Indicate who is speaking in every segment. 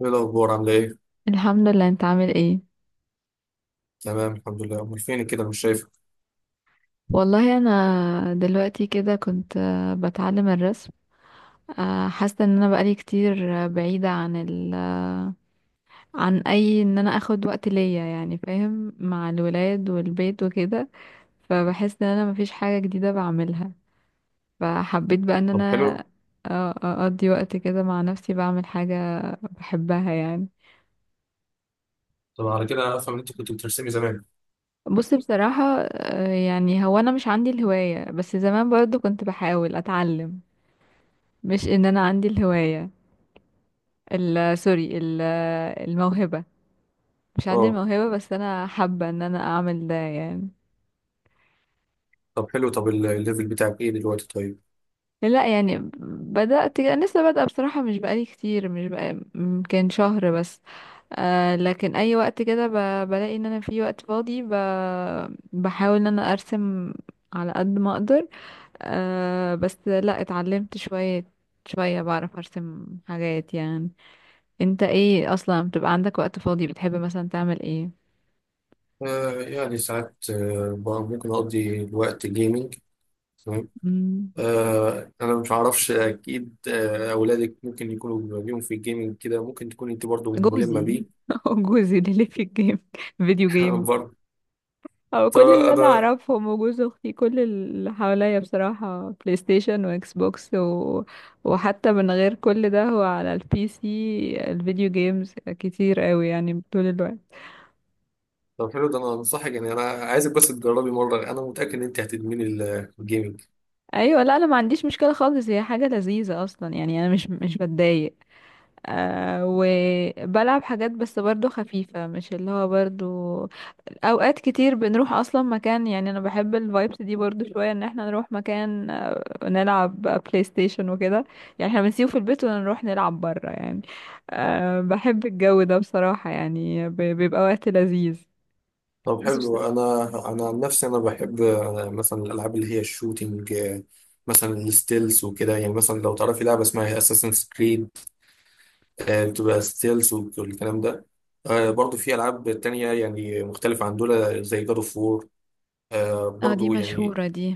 Speaker 1: ايه الاخبار؟ عامله ايه؟
Speaker 2: الحمد لله. انت عامل ايه؟
Speaker 1: تمام الحمد لله. امال فينك كده؟ مش شايفك.
Speaker 2: والله انا دلوقتي كده كنت، بتعلم الرسم، حاسه ان انا بقالي كتير بعيده عن ال آه، عن ان انا اخد وقت ليا، يعني فاهم، مع الولاد والبيت وكده. فبحس ان انا مفيش حاجه جديده بعملها، فحبيت بقى ان
Speaker 1: طب
Speaker 2: انا
Speaker 1: حلو.
Speaker 2: اقضي وقت كده مع نفسي بعمل حاجه بحبها يعني.
Speaker 1: طب على كده افهم ان انت كنت بترسمي زمان.
Speaker 2: بص، بصراحه يعني هو انا مش عندي الهوايه، بس زمان برضو كنت بحاول اتعلم، مش ان انا عندي الهواية، ال سوري ال الموهبة، مش عندي
Speaker 1: اه.
Speaker 2: الموهبة بس انا حابة ان انا اعمل ده يعني.
Speaker 1: طب حلو. طب الليفل بتاعك ايه دلوقتي؟ طيب.
Speaker 2: لا يعني بدأت انا لسه بادئة بصراحة، مش بقالي كتير، مش بقى يمكن شهر بس، آه لكن اي وقت كده بلاقي ان انا في وقت فاضي بحاول ان انا ارسم على قد ما اقدر. آه بس لا اتعلمت شوية شوية، بعرف ارسم حاجات يعني. انت ايه اصلا بتبقى عندك وقت فاضي، بتحب مثلا تعمل ايه؟
Speaker 1: يعني ساعات، ممكن اقضي الوقت جيمنج. تمام.
Speaker 2: مم.
Speaker 1: انا مش عارفش اكيد، اولادك ممكن يكونوا ليهم في الجيمنج، كده ممكن تكون انت برضو ملمه
Speaker 2: جوزي.
Speaker 1: بيه.
Speaker 2: هو جوزي ده اللي في الجيم، فيديو جيم.
Speaker 1: برضه.
Speaker 2: هو
Speaker 1: طب
Speaker 2: كل اللي انا
Speaker 1: انا
Speaker 2: اعرفهم وجوز اختي، كل اللي حواليا بصراحة بلاي ستيشن واكس بوكس و... وحتى من غير كل ده هو على البي سي، الفيديو جيمز كتير قوي يعني طول الوقت.
Speaker 1: طب حلو، ده انا انصحك، يعني انا عايزك بس تجربي مره، انا متاكد ان انت هتدمني الجيمنج.
Speaker 2: ايوه، لا انا ما عنديش مشكلة خالص، هي حاجة لذيذة اصلا يعني، انا مش بتضايق. آه، وبلعب حاجات بس برضو خفيفة، مش اللي هو برضو أوقات كتير بنروح أصلا مكان، يعني أنا بحب الفايبس دي برضو شوية، إن احنا نروح مكان نلعب بلاي ستيشن وكده، يعني احنا بنسيبه في البيت ونروح نلعب برا يعني. أه بحب الجو ده بصراحة، يعني بيبقى وقت لذيذ.
Speaker 1: طب
Speaker 2: بس بس،
Speaker 1: حلو. انا عن نفسي انا بحب مثلا الالعاب اللي هي الشوتينج، مثلا الستيلز وكده، يعني مثلا لو تعرفي لعبه اسمها اساسنز كريد بتبقى ستيلز والكلام ده. برضو في العاب تانية يعني مختلفه عن دول زي جاد اوف وور،
Speaker 2: اه دي
Speaker 1: برضو يعني.
Speaker 2: مشهورة دي.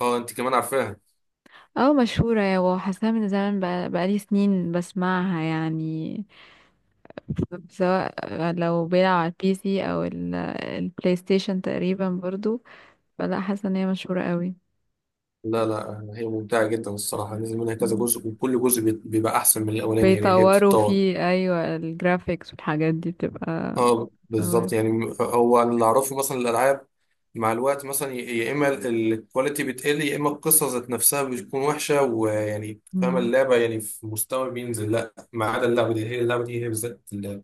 Speaker 1: اه، انت كمان عارفاها؟
Speaker 2: اه مشهورة، يا وحاساها من زمان بقى، بقالي سنين بسمعها يعني، سواء لو بيلعب على البي سي او البلاي ستيشن تقريبا برضو، فلا، حاسه ان هي مشهوره قوي.
Speaker 1: لا لا، هي ممتعه جدا الصراحه، نزل منها كذا
Speaker 2: مم.
Speaker 1: جزء وكل جزء بيبقى احسن من الاولاني، يعني هي
Speaker 2: بيطوروا
Speaker 1: بتتطور.
Speaker 2: فيه، ايوه الجرافيكس والحاجات دي بتبقى
Speaker 1: اه
Speaker 2: أوي.
Speaker 1: بالظبط. يعني هو اللي اعرفه مثلا الالعاب مع الوقت مثلا يا اما الكواليتي بتقل، يا اما القصه ذات نفسها بتكون وحشه، ويعني فاهم
Speaker 2: مم.
Speaker 1: اللعبه، يعني في مستوى بينزل، لا ما عدا اللعبه دي، هي اللعبه دي هي بالذات اللي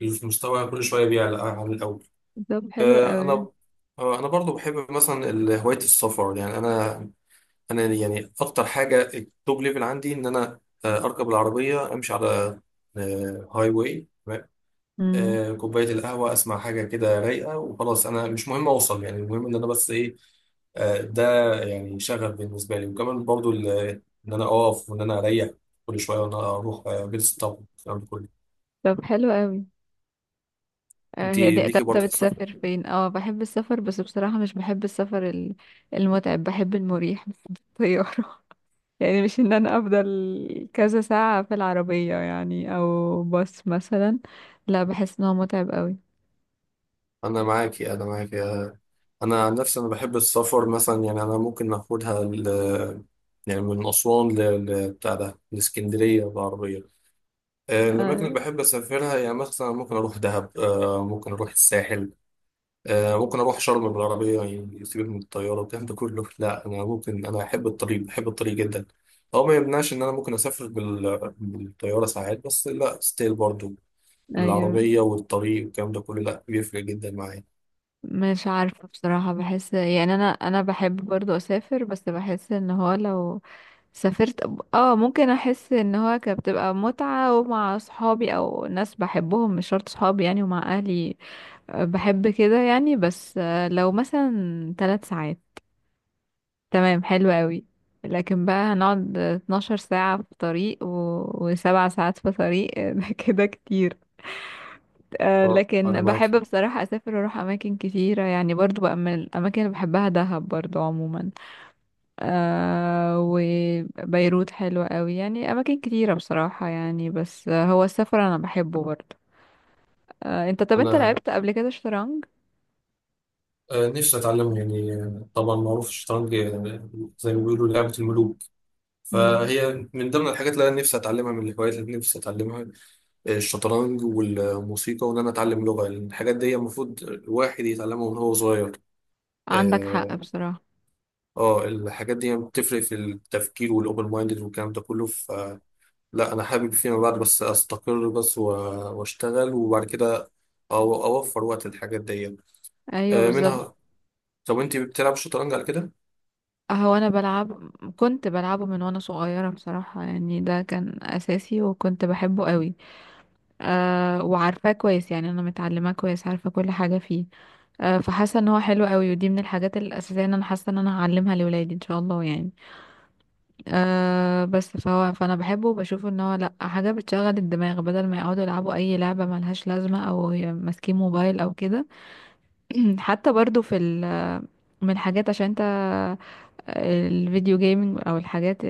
Speaker 1: في مستوى كل شويه بيعلى عن الاول.
Speaker 2: طب حلو قوي.
Speaker 1: انا انا برضو بحب مثلا هوايه السفر. يعني انا يعني اكتر حاجه التوب ليفل عندي ان انا اركب العربيه، امشي على هاي واي،
Speaker 2: مم.
Speaker 1: كوباية القهوة، أسمع حاجة كده رايقة، وخلاص أنا مش مهم أوصل، يعني المهم إن أنا بس إيه. ده يعني شغف بالنسبة لي، وكمان برضو إن أنا أقف وإن أنا أريح كل شوية، وإن أنا أروح جلسة طب الكلام ده كله.
Speaker 2: طب حلو قوي.
Speaker 1: أنت
Speaker 2: هي دي. طب
Speaker 1: ليكي
Speaker 2: انت
Speaker 1: برضه في السفر؟
Speaker 2: بتسافر فين؟ اه بحب السفر، بس بصراحه مش بحب السفر المتعب، بحب المريح بس بالطياره، يعني مش ان انا افضل كذا ساعة في العربية يعني او باص مثلا، لا بحس ان هو متعب قوي.
Speaker 1: أنا معاكي، أنا معاكي، أنا عن نفسي أنا بحب السفر مثلا، يعني أنا ممكن يعني من أسوان بتاع ده لإسكندرية بالعربية. الأماكن اللي
Speaker 2: آه،
Speaker 1: بحب أسافرها، يعني مثلا ممكن أروح دهب، ممكن أروح الساحل، ممكن اروح شرم بالعربيه. يعني يسيبك من الطياره والكلام ده كله، لا انا احب الطريق، بحب الطريق جدا. هو ما يمنعش ان انا ممكن اسافر بالطياره ساعات، بس لا ستيل برضو
Speaker 2: ايوه.
Speaker 1: العربيه والطريق والكلام ده كله، لا بيفرق جدا معايا.
Speaker 2: مش عارفة بصراحة، بحس يعني، انا بحب برضو اسافر، بس بحس ان هو لو سافرت، اه ممكن احس ان هو كانت بتبقى متعة، ومع صحابي او ناس بحبهم، مش شرط صحابي يعني، ومع اهلي. بحب كده يعني، بس لو مثلا 3 ساعات، تمام حلو قوي. لكن بقى هنقعد 12 ساعة في طريق و... و7 ساعات في طريق ده كده كتير. آه
Speaker 1: اه انا
Speaker 2: لكن
Speaker 1: معاك.
Speaker 2: بحب بصراحة أسافر وأروح أماكن كتيرة، يعني برضو بقى من الأماكن اللي بحبها دهب برضو عموما. آه، وبيروت حلوة قوي، يعني أماكن كتيرة بصراحة يعني، بس هو السفر أنا بحبه برضو. آه، أنت طب أنت
Speaker 1: انا
Speaker 2: لعبت قبل كده شطرنج؟
Speaker 1: آه، نفسي اتعلمه، يعني طبعا معروف الشطرنج، زي ما بيقولوا لعبه الملوك.
Speaker 2: مم.
Speaker 1: فهي من ضمن الحاجات اللي انا نفسي اتعلمها، من الهوايات اللي نفسي اتعلمها: الشطرنج والموسيقى وان انا اتعلم لغه، لأن الحاجات دي المفروض الواحد يتعلمها من هو صغير.
Speaker 2: عندك حق
Speaker 1: اه.
Speaker 2: بصراحة.
Speaker 1: الحاجات دي بتفرق في التفكير والاوبن مايندد والكلام ده كله. فلا، انا حابب فيما بعد بس استقر، واشتغل، وبعد كده اوفر وقت الحاجات دي،
Speaker 2: أيوه بالظبط.
Speaker 1: منها. طب انت بتلعب شطرنج على كده؟
Speaker 2: هو انا بلعب، كنت بلعبه من وانا صغيره بصراحه يعني، ده كان اساسي وكنت بحبه قوي. أه وعارفاه كويس يعني، انا متعلماه كويس، عارفه كل حاجه فيه. أه فحاسه ان هو حلو قوي، ودي من الحاجات الاساسيه ان انا حاسه ان انا هعلمها لولادي ان شاء الله يعني. أه بس فهو فانا بحبه، وبشوف ان هو لا، حاجه بتشغل الدماغ بدل ما يقعدوا يلعبوا اي لعبه ملهاش لازمه، او ماسكين موبايل او كده. حتى برضو في من الحاجات، عشان انت الفيديو جيمنج او الحاجات،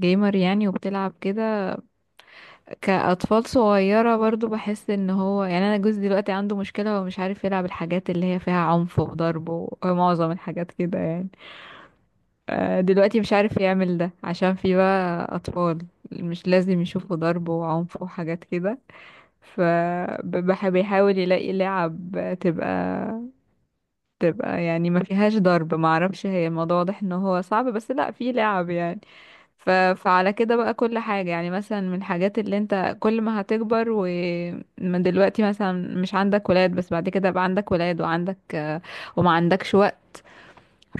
Speaker 2: جيمر يعني وبتلعب كده، كأطفال صغيرة برضو. بحس ان هو يعني، انا جوزي دلوقتي عنده مشكلة، ومش عارف يلعب الحاجات اللي هي فيها عنف وضرب، ومعظم الحاجات كده يعني. دلوقتي مش عارف يعمل ده، عشان في بقى أطفال مش لازم يشوفوا ضرب وعنف وحاجات كده. فبيحاول يلاقي لعب تبقى تبقى يعني ما فيهاش ضرب، ما اعرفش، هي الموضوع واضح ان هو صعب، بس لا في لعب يعني. فعلى كده بقى كل حاجة، يعني مثلا من الحاجات، اللي انت كل ما هتكبر، ومن دلوقتي مثلا مش عندك ولاد، بس بعد كده بقى عندك ولاد وعندك وما عندكش وقت،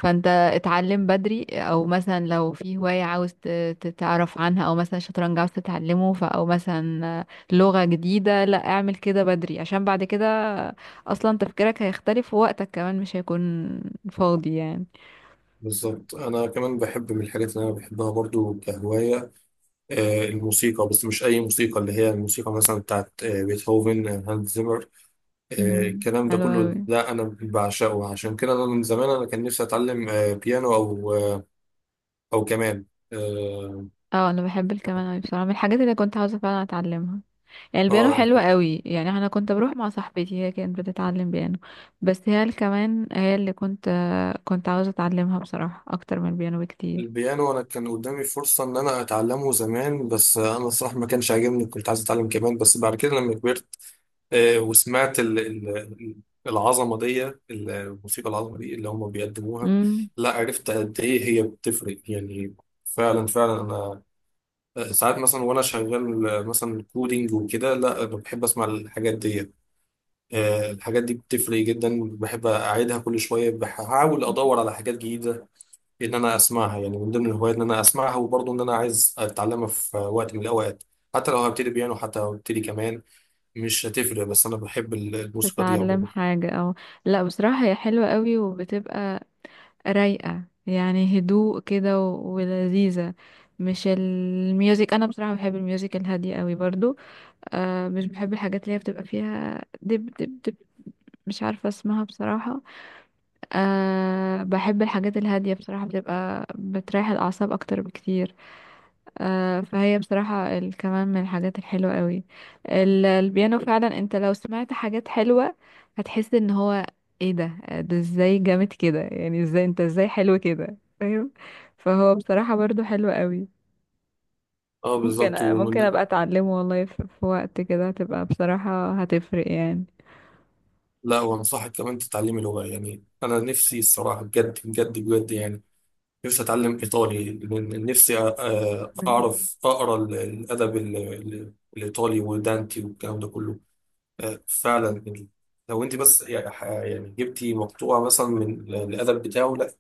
Speaker 2: فانت اتعلم بدري، او مثلا لو في هواية عاوز تتعرف عنها، او مثلا شطرنج عاوز تتعلمه، ف او مثلا لغة جديدة، لا، اعمل كده بدري، عشان بعد كده اصلا تفكيرك هيختلف، ووقتك كمان مش هيكون فاضي يعني.
Speaker 1: بالظبط. انا كمان بحب من الحاجات اللي انا بحبها برضو كهوايه الموسيقى. بس مش اي موسيقى، اللي هي الموسيقى مثلا بتاعت بيتهوفن، هانز زيمر،
Speaker 2: مم.
Speaker 1: الكلام ده
Speaker 2: حلو
Speaker 1: كله.
Speaker 2: أوي.
Speaker 1: ده انا بعشقه، عشان كده انا من زمان انا كان نفسي اتعلم بيانو، او كمان. اه.
Speaker 2: اه انا بحب الكمان اوي بصراحه، من الحاجات اللي كنت عاوزه فعلا اتعلمها. يعني البيانو
Speaker 1: آه، الح-
Speaker 2: حلو قوي، يعني انا كنت بروح مع صاحبتي، هي كانت بتتعلم بيانو. بس هي الكمان هي اللي كنت عاوزه اتعلمها بصراحه اكتر من البيانو بكتير.
Speaker 1: البيانو انا كان قدامي فرصة ان انا اتعلمه زمان، بس انا الصراحة ما كانش عاجبني، كنت عايز اتعلم كمان، بس بعد كده لما كبرت وسمعت ال- العظمة دي، الموسيقى العظمة دي اللي هم بيقدموها.
Speaker 2: امم،
Speaker 1: لا عرفت قد ايه هي بتفرق يعني. فعلا فعلا. ساعات مثلا وانا شغال مثلا كودينج وكده، لا بحب اسمع الحاجات دي. الحاجات دي بتفرق جدا، بحب اعيدها كل شويه، بحاول ادور على حاجات جديده ان انا اسمعها. يعني من ضمن الهوايات ان انا اسمعها، وبرضه ان انا عايز اتعلمها في وقت من الاوقات، حتى لو هبتدي بيانو، حتى لو هبتدي كمان، مش هتفرق. بس انا بحب الموسيقى دي
Speaker 2: تتعلم
Speaker 1: عموما.
Speaker 2: حاجه او لا، بصراحه هي حلوه قوي، وبتبقى رايقه يعني، هدوء كده ولذيذه. مش الميوزك، انا بصراحه بحب الميوزك الهاديه قوي برضو. آه مش بحب الحاجات اللي هي بتبقى فيها دب دب دب، مش عارفه اسمها بصراحه. أه بحب الحاجات الهادية بصراحة، بتبقى بتريح الأعصاب أكتر بكتير. أه، فهي بصراحة كمان من الحاجات الحلوة قوي، البيانو فعلا. انت لو سمعت حاجات حلوة هتحس ان هو ايه ده، ازاي جامد كده، يعني ازاي انت ازاي حلو كده، فاهم. فهو بصراحة برضو حلو قوي.
Speaker 1: اه بالظبط
Speaker 2: ممكن
Speaker 1: ومن
Speaker 2: ابقى اتعلمه والله، في وقت كده هتبقى بصراحة هتفرق يعني.
Speaker 1: لا وانصحك كمان تتعلمي لغه. يعني انا نفسي الصراحه بجد بجد بجد، يعني نفسي اتعلم ايطالي، لأن نفسي
Speaker 2: بالظبط.
Speaker 1: اعرف اقرا الادب الايطالي ودانتي والكلام ده كله. فعلا يعني. لو انت بس يعني جبتي مقطوعه مثلا من الادب بتاعه، لا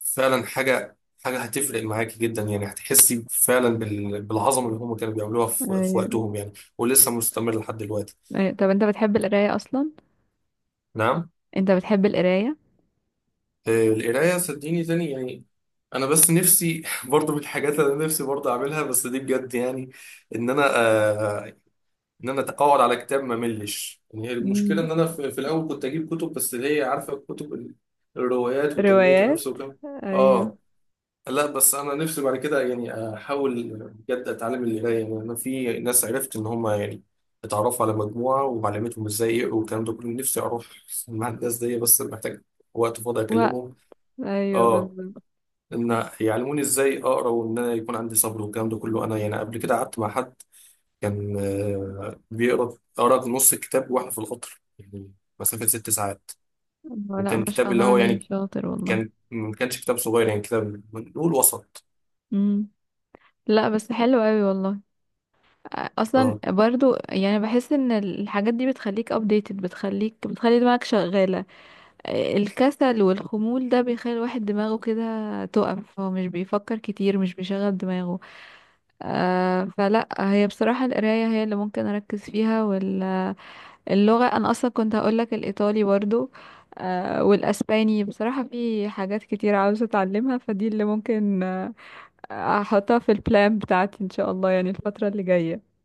Speaker 1: فعلا حاجه هتفرق معاكي جدا، يعني هتحسي فعلا بالعظمه اللي هم كانوا بيعملوها في
Speaker 2: ايوه.
Speaker 1: وقتهم، يعني ولسه مستمر لحد دلوقتي.
Speaker 2: أيوة. طب انت بتحب القراية اصلا؟
Speaker 1: نعم.
Speaker 2: انت بتحب القراية؟
Speaker 1: القراية صدقيني تاني يعني. أنا بس نفسي برضو من الحاجات اللي أنا نفسي برضو أعملها، بس دي بجد يعني إن أنا آه إن أنا أقعد على كتاب ما أملش. يعني هي المشكلة إن أنا في الأول كنت أجيب كتب، بس اللي هي عارفة كتب الروايات وتنمية النفس،
Speaker 2: روايات،
Speaker 1: وكم.
Speaker 2: ايوه.
Speaker 1: آه لا بس أنا نفسي بعد كده يعني أحاول بجد أتعلم القراية. يعني أنا في ناس عرفت إن هم يعني اتعرفوا على مجموعة وعلمتهم إزاي يقروا والكلام ده كله، نفسي أروح مع الناس دي بس محتاج وقت فاضي
Speaker 2: و،
Speaker 1: أكلمهم.
Speaker 2: ايوه
Speaker 1: اه،
Speaker 2: بالظبط.
Speaker 1: ان يعلموني ازاي اقرا، وان انا يكون عندي صبر والكلام ده كله. انا يعني قبل كده قعدت مع حد كان بيقرا، قرا نص الكتاب واحنا في القطر، يعني مسافه 6 ساعات.
Speaker 2: هو لا، ما
Speaker 1: وكان
Speaker 2: شاء
Speaker 1: كتاب
Speaker 2: الله
Speaker 1: اللي هو
Speaker 2: عليه،
Speaker 1: يعني
Speaker 2: شاطر والله.
Speaker 1: كان، ما كانش كتاب صغير، يعني كتاب نقول وسط.
Speaker 2: امم. لا بس حلو قوي والله. اصلا
Speaker 1: اه،
Speaker 2: برضو يعني، بحس ان الحاجات دي بتخليك ابديتد، بتخليك بتخلي دماغك شغالة. الكسل والخمول ده بيخلي الواحد دماغه كده تقف، هو مش بيفكر كتير، مش بيشغل دماغه. آه فلا، هي بصراحة القراية هي اللي ممكن اركز فيها. اللغة، أنا أصلا كنت هقولك الإيطالي برضو، آه، والأسباني بصراحة. في حاجات كتير عاوزة أتعلمها، فدي اللي ممكن آه أحطها في البلان بتاعتي إن شاء الله، يعني الفترة اللي جاية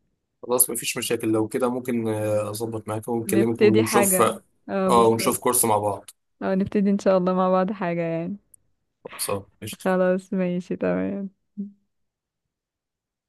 Speaker 1: خلاص مفيش مشاكل. لو كده ممكن اظبط معاك ونكلمك
Speaker 2: نبتدي
Speaker 1: ونشوف.
Speaker 2: حاجة. اه
Speaker 1: اه ونشوف
Speaker 2: بالظبط.
Speaker 1: كورس مع بعض.
Speaker 2: اه نبتدي إن شاء الله مع بعض حاجة يعني.
Speaker 1: خلاص، قشطة.
Speaker 2: خلاص ماشي تمام.